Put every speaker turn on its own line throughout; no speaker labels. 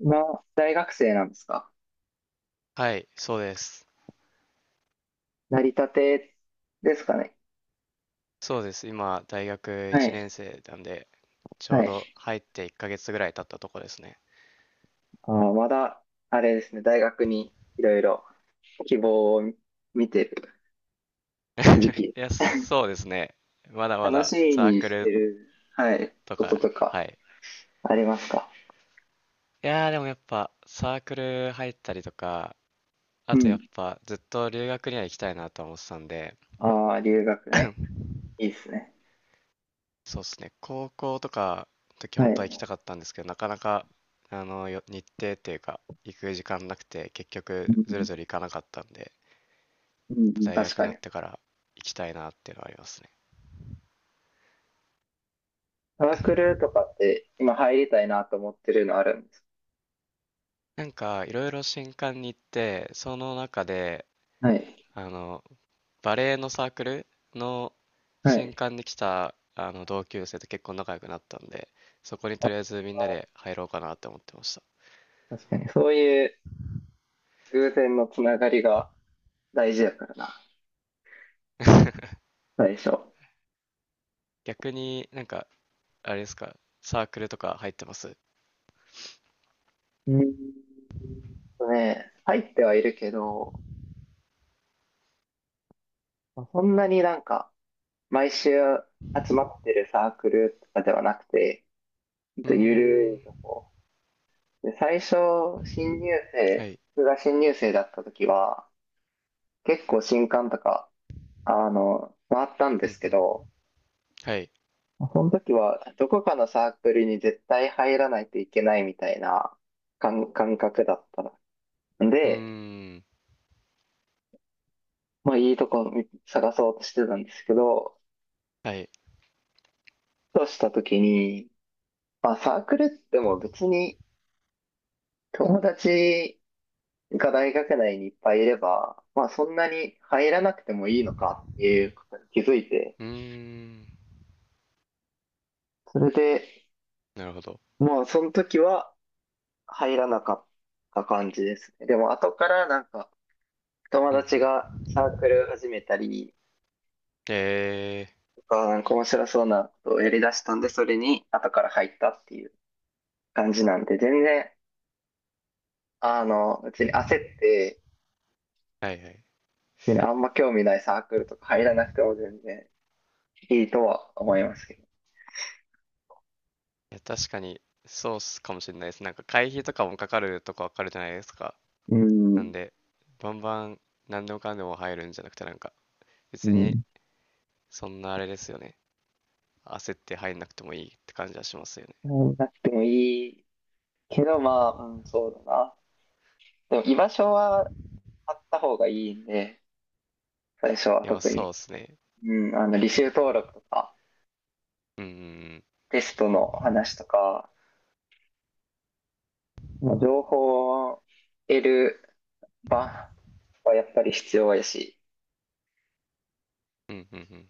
今、大学生なんですか？
はい、そうです。
なりたてですかね。
そうです。今、大学
は
1
い。
年生なんで、ちょ
は
うど
い。
入って1ヶ月ぐらい経ったとこですね。
まだ、あれですね、大学にいろいろ希望を見てる時期。
いや、そうですね。まだま
楽し
だ
み
サー
に
ク
して
ル
る、はい、
と
こと
か、
と
は
か
い。
ありますか？
いやー、でもやっぱサークル入ったりとか、あ
う
とや
ん。
っぱずっと留学には行きたいなとは思ってたんで、
ああ、留学ね。いいですね。
そうっすね。高校とかの時
は
本当は
い。
行きたかったんですけど、なかなか、日程っていうか、行く時間なくて、結
う
局
ん、
ずるずる行かなかったんで、
うん、
大
確
学に
か
なっ
に。
てから行きたいなっていうのはありますね。
サークルとかっ て今入りたいなと思ってるのあるんです？
なんかいろいろ新歓に行って、その中で
はい。
あのバレエのサークルの
は
新
い。
歓に来たあの同級生と結構仲良くなったんで、そこにとりあ
あ
えずみんなで入ろうかなって思ってました。
確かに。そういう偶然のつながりが大事だからな、最初。
逆になんかあれですか、サークルとか入ってます？
うん。ね、入ってはいるけど、そんなになんか、毎週集まってるサークルとかではなくて、ほん
うー
とゆるい
ん、
とこ。で、最初、新入
は
生、
い、
僕が新入生だった時は、結構新刊とか、回ったんで
うん
す
う
け
ん、
ど、
はい、
その時は、どこかのサークルに絶対入らないといけないみたいな感覚だったの。
うー
で、
ん、
まあいいとこ探そうとしてたんですけど、
はい、
ふとした時に、まあサークルっても別に友達が大学内にいっぱいいれば、まあそんなに入らなくてもいいのかっていうことに気づいて、
うーん、
それで、
なるほど、
もうその時は入らなかった感じですね。でも後からなんか友
うんう
達
ん、
がサークル始めたり
え
とか、なんか面白そうなことをやり出したんで、それに後から入ったっていう感じなんで、全然別に焦って、
ー、はいはい。
別にま興味ないサークルとか入らなくても全然いいとは思いますけ
いや、確かに、そうっすかもしれないです。なんか会費とかもかかるとこわかるじゃないですか。
ど。う
なん
ん。
で、バンバン何でもかんでも入るんじゃなくて、なんか、
う
別に
ん。
そんなあれですよね。焦って入んなくてもいいって感じはしますよね。
入らなくてもいいけど、まあ、うん、そうだな。でも居場所はあった方がいいんで、最初は
いや、まあ
特
そ
に。
うっすね。
うん、履修登録とか、
うんうん
テストの話とか、まあ、情報を得る場はやっぱり必要やし、
うん。うんうんうん。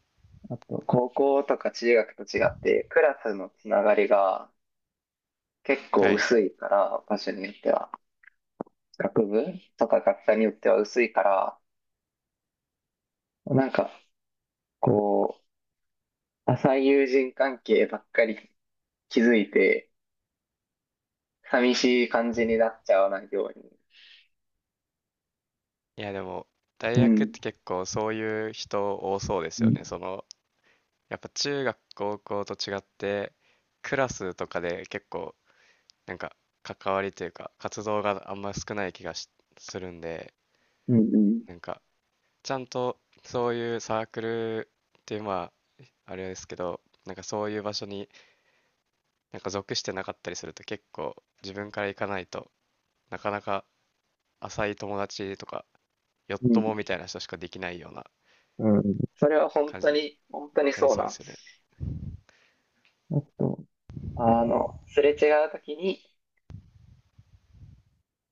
あと、高校とか中学と違って、クラスのつながりが、結構
はい。
薄いから、場所によっては。学部とか学科によっては薄いから、なんか、こう、浅い友人関係ばっかり築いて、寂しい感じになっちゃわないように。
いや、でも、大
う
学っ
ん。
て結構そういう人多そうです
う
よ
ん。
ね。その、やっぱ中学、高校と違って、クラスとかで結構なんか関わりというか活動があんま少ない気がしするんで、
うん。うん。
なんかちゃんとそういうサークルっていうまああれですけど、なんかそういう場所になんか属してなかったりすると結構自分から行かないとなかなか浅い友達とかよっ
うん
ともみたいな人しかできないような
うん。それは本
感
当
じに
に、本当に
なり
そう
そうで
なん
す
で
よね。
す。あと、すれ違うときに、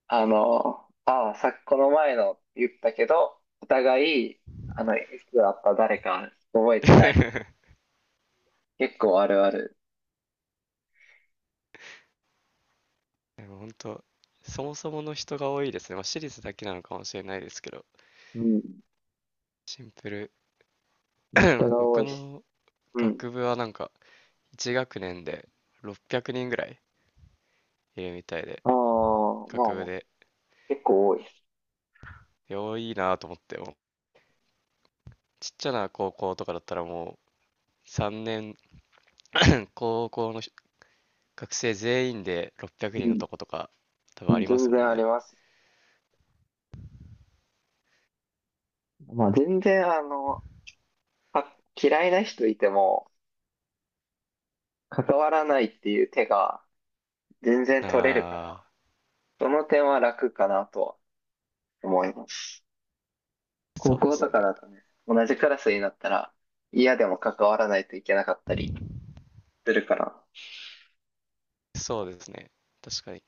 ああ、さっきこの前のって言ったけど、お互い、いつだった誰か覚えてない。結構あるある。
でも本当そもそもの人が多いですね。まあ、私立だけなのかもしれないですけど、
うん。
シンプル。
人 が多
僕
いし。
の
うん。
学部はなんか1学年で600人ぐらいいるみたいで、
ああ、まあ
学部
もう
で。
結構多いです。
いいなと思って、もうちっちゃな高校とかだったらもう3年、高校の学生全員で600
う
人の
ん。
とことか多
う
分あ
ん、
りま
全
すも
然
ん
あり
ね。
ます。まあ全然嫌いな人いても関わらないっていう手が全然取れるから、
あ
その点は楽かなとは思います。
あ、
高
そうで
校
す
と
ね、
か
なん
だ
か。
とね、同じクラスになったら嫌でも関わらないといけなかったりするから。
そうですね、確かに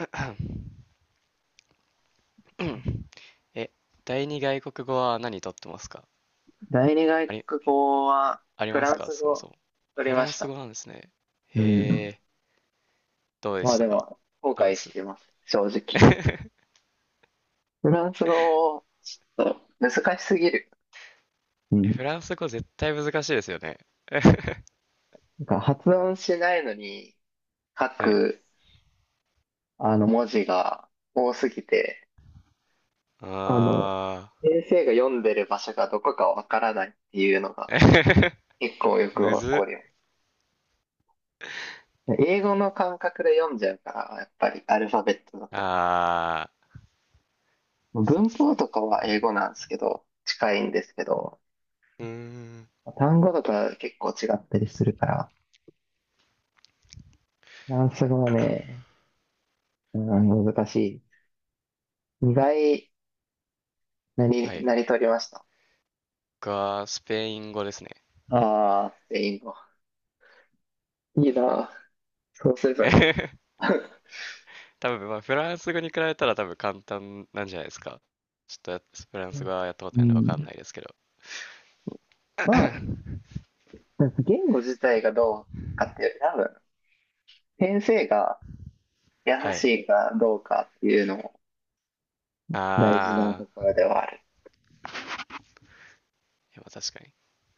え、第二外国語は何とってますか？
第二
あ
外
り、
国語は
あり
フ
ま
ラ
す
ン
か
ス
そもそ
語
も？
取り
フ
ま
ラン
し
ス
た。
語なんですね。
う
へ
ん。
え、どうで
まあ
した
で
か？
も、後
どうで
悔し
す？
て ます。正直。フランス語、ちょっと難しすぎる。う
え、
ん。
フランス語絶対難しいですよね。
なんか発音しないのに書
はい。
く、文字が多すぎて、
あ
あの、先生が読んでる場所がどこかわからないっていうのが
ー。
結構よ く
む
起こ
ずっ。
るよ。英語の感覚で読んじゃうから、やっぱりアルファベットだと。
あー。そう
文
っす
法
ね。
とかは英語なんですけど、近いんですけど、
うーん。
単語とか結構違ったりするから、フランス語は ね、うん難しい。意外な
は
り、
い。
なりとりました。
僕はスペイン語ですね。
ああ、スペイン語。いいな。そうすればよかっ た。
多分、まあ、フランス語に比べたら多分簡単なんじゃないですか。ちょっとやフランス語 はやったこ
う
とないんでわかん
ん。
ないですけど。
まあ、言語自体がどうかっていう より、多分、先生が優
は
し
い。
いかどうかっていうのも大事なと
あ
こ
ー。
ろではある。
いやまあ確かに。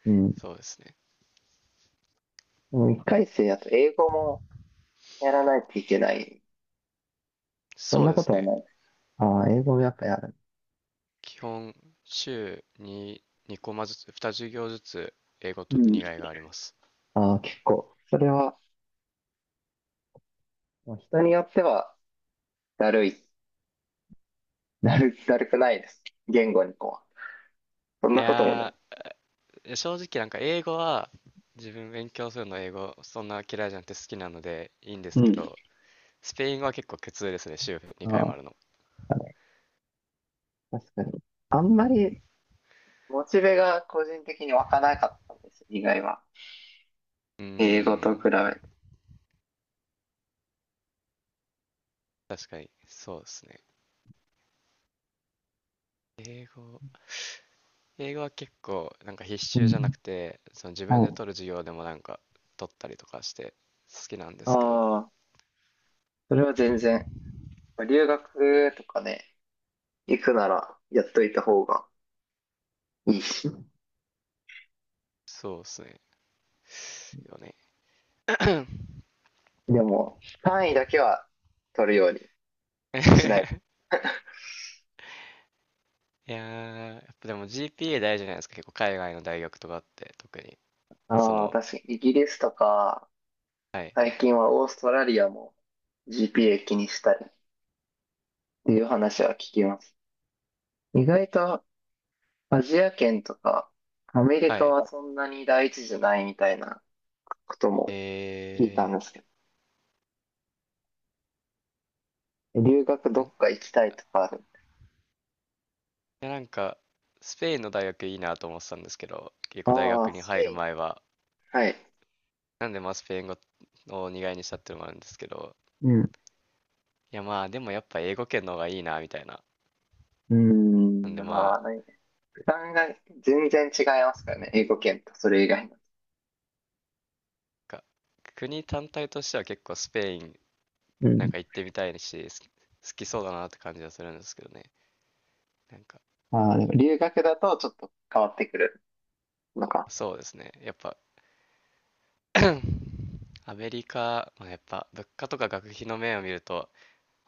うん。で
そうですね。
も一回生だと英語もやらないといけない。そん
そう
な
で
こ
す
とはな
ね。
い。ああ、英語もやっぱやる。
基本、週に2コマずつ、2授業ずつ英語
う
と
ん。
2外があります。
ああ、結構。それは、まあ人によってはだるいなる、だるくないです。言語にこう。そん
い
なこともない。
やー、正直なんか英語は自分勉強するの英語そんな嫌いじゃなくて好きなのでいいんです
う
け
ん。
ど、スペイン語は結構苦痛ですね、週
あ
2回も
あ、
あるの。
確かに。あんまり、モチベが個人的に湧かなかったんです、意外は。
うー
英語と比
ん、
べて。
確かにそうですね。英語、英語は結構なんか必
う
修じゃな
ん。
くて、その自分
は
で
い。
取る授業でもなんか取ったりとかして好きなんで
あ
すけど、
あ、それは全然。留学とかね、行くならやっといた方がいいし。
そうですね。よね。
でも、単位だけは取るように しない。
いやー、やっぱでも GPA 大事じゃないですか、結構海外の大学とかって特に。そ
ああ、
の、
確かに、イギリスとか、
はい、
最近はオーストラリアも GPA 気にしたりっていう話は聞きます。意外とアジア圏とかアメリ
は
カ
い。
はそんなに第一じゃないみたいなことも聞いた
え
んですけど、留学ど
ー、い
っか行きたいとかある？
やなんか、スペインの大学いいなと思ってたんですけど、結構大
あ
学
あ、
に
スペ
入る
イン。
前は、
はい。
なんでまあスペイン語を苦いにしたっていうのもあるんですけど、
うん。う
いやまあでもやっぱ英語圏の方がいいなみたいな。
ー
な
ん、
んでま
ま
あ、
あ、ね、負担が全然違いますからね、英語圏とそれ以外の。
か国単体としては結構スペイン
う
なん
ん。
か行ってみたいし、好きそうだなって感じはするんですけどね。なんか、
ああ、でも留学だとちょっと変わってくるのか。
そうですね。やっぱ アメリカ、まあ、やっぱ物価とか学費の面を見ると、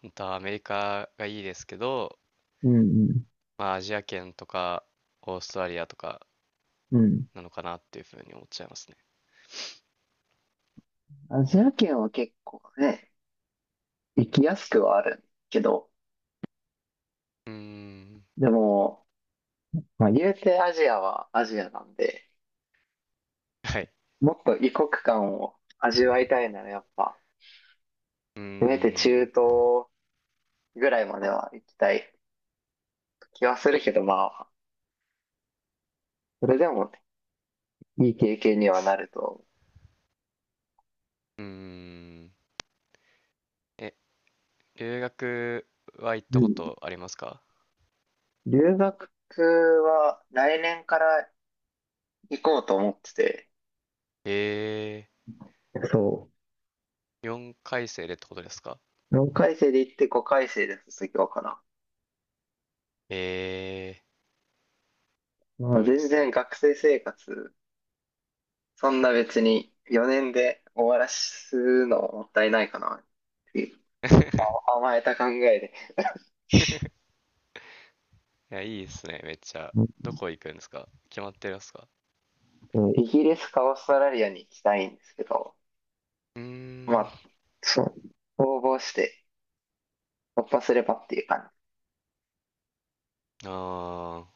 本当はアメリカがいいですけど、
うんうん。
まあアジア圏とかオーストラリアとか
うん。
なのかなっていうふうに思っちゃいますね。
アジア圏は結構ね、行きやすくはあるけど、
うーん、
でも、まあ言うてアジアはアジアなんで、
はい。
もっと異国感を味わいたいならやっぱ、
うー
せめて中
ん、
東ぐらいまでは行きたい気はするけど、まあ、それでもいい経験にはなると思
うーん。え、留学は行っ
う。
た
う
こ
ん。
とありますか？
留学は来年から行こうと思ってて、
え
そ
ー、4回生でってことですか？
う。4回生で行って5回生で卒業かな。
えー、す
まあ、
ごいで
全
すね。
然学生生活、そんな別に4年で終わらすのもったいないかなっていう 甘えた考えで。
いや、いいですね、めっちゃ。
う
どこ行くんですか？決まってるんですか？
うんイギリスかオーストラリアに行きたいんですけど、
うー
まあ、
ん、
そう、応募して、突破すればっていう感じ。
ああ。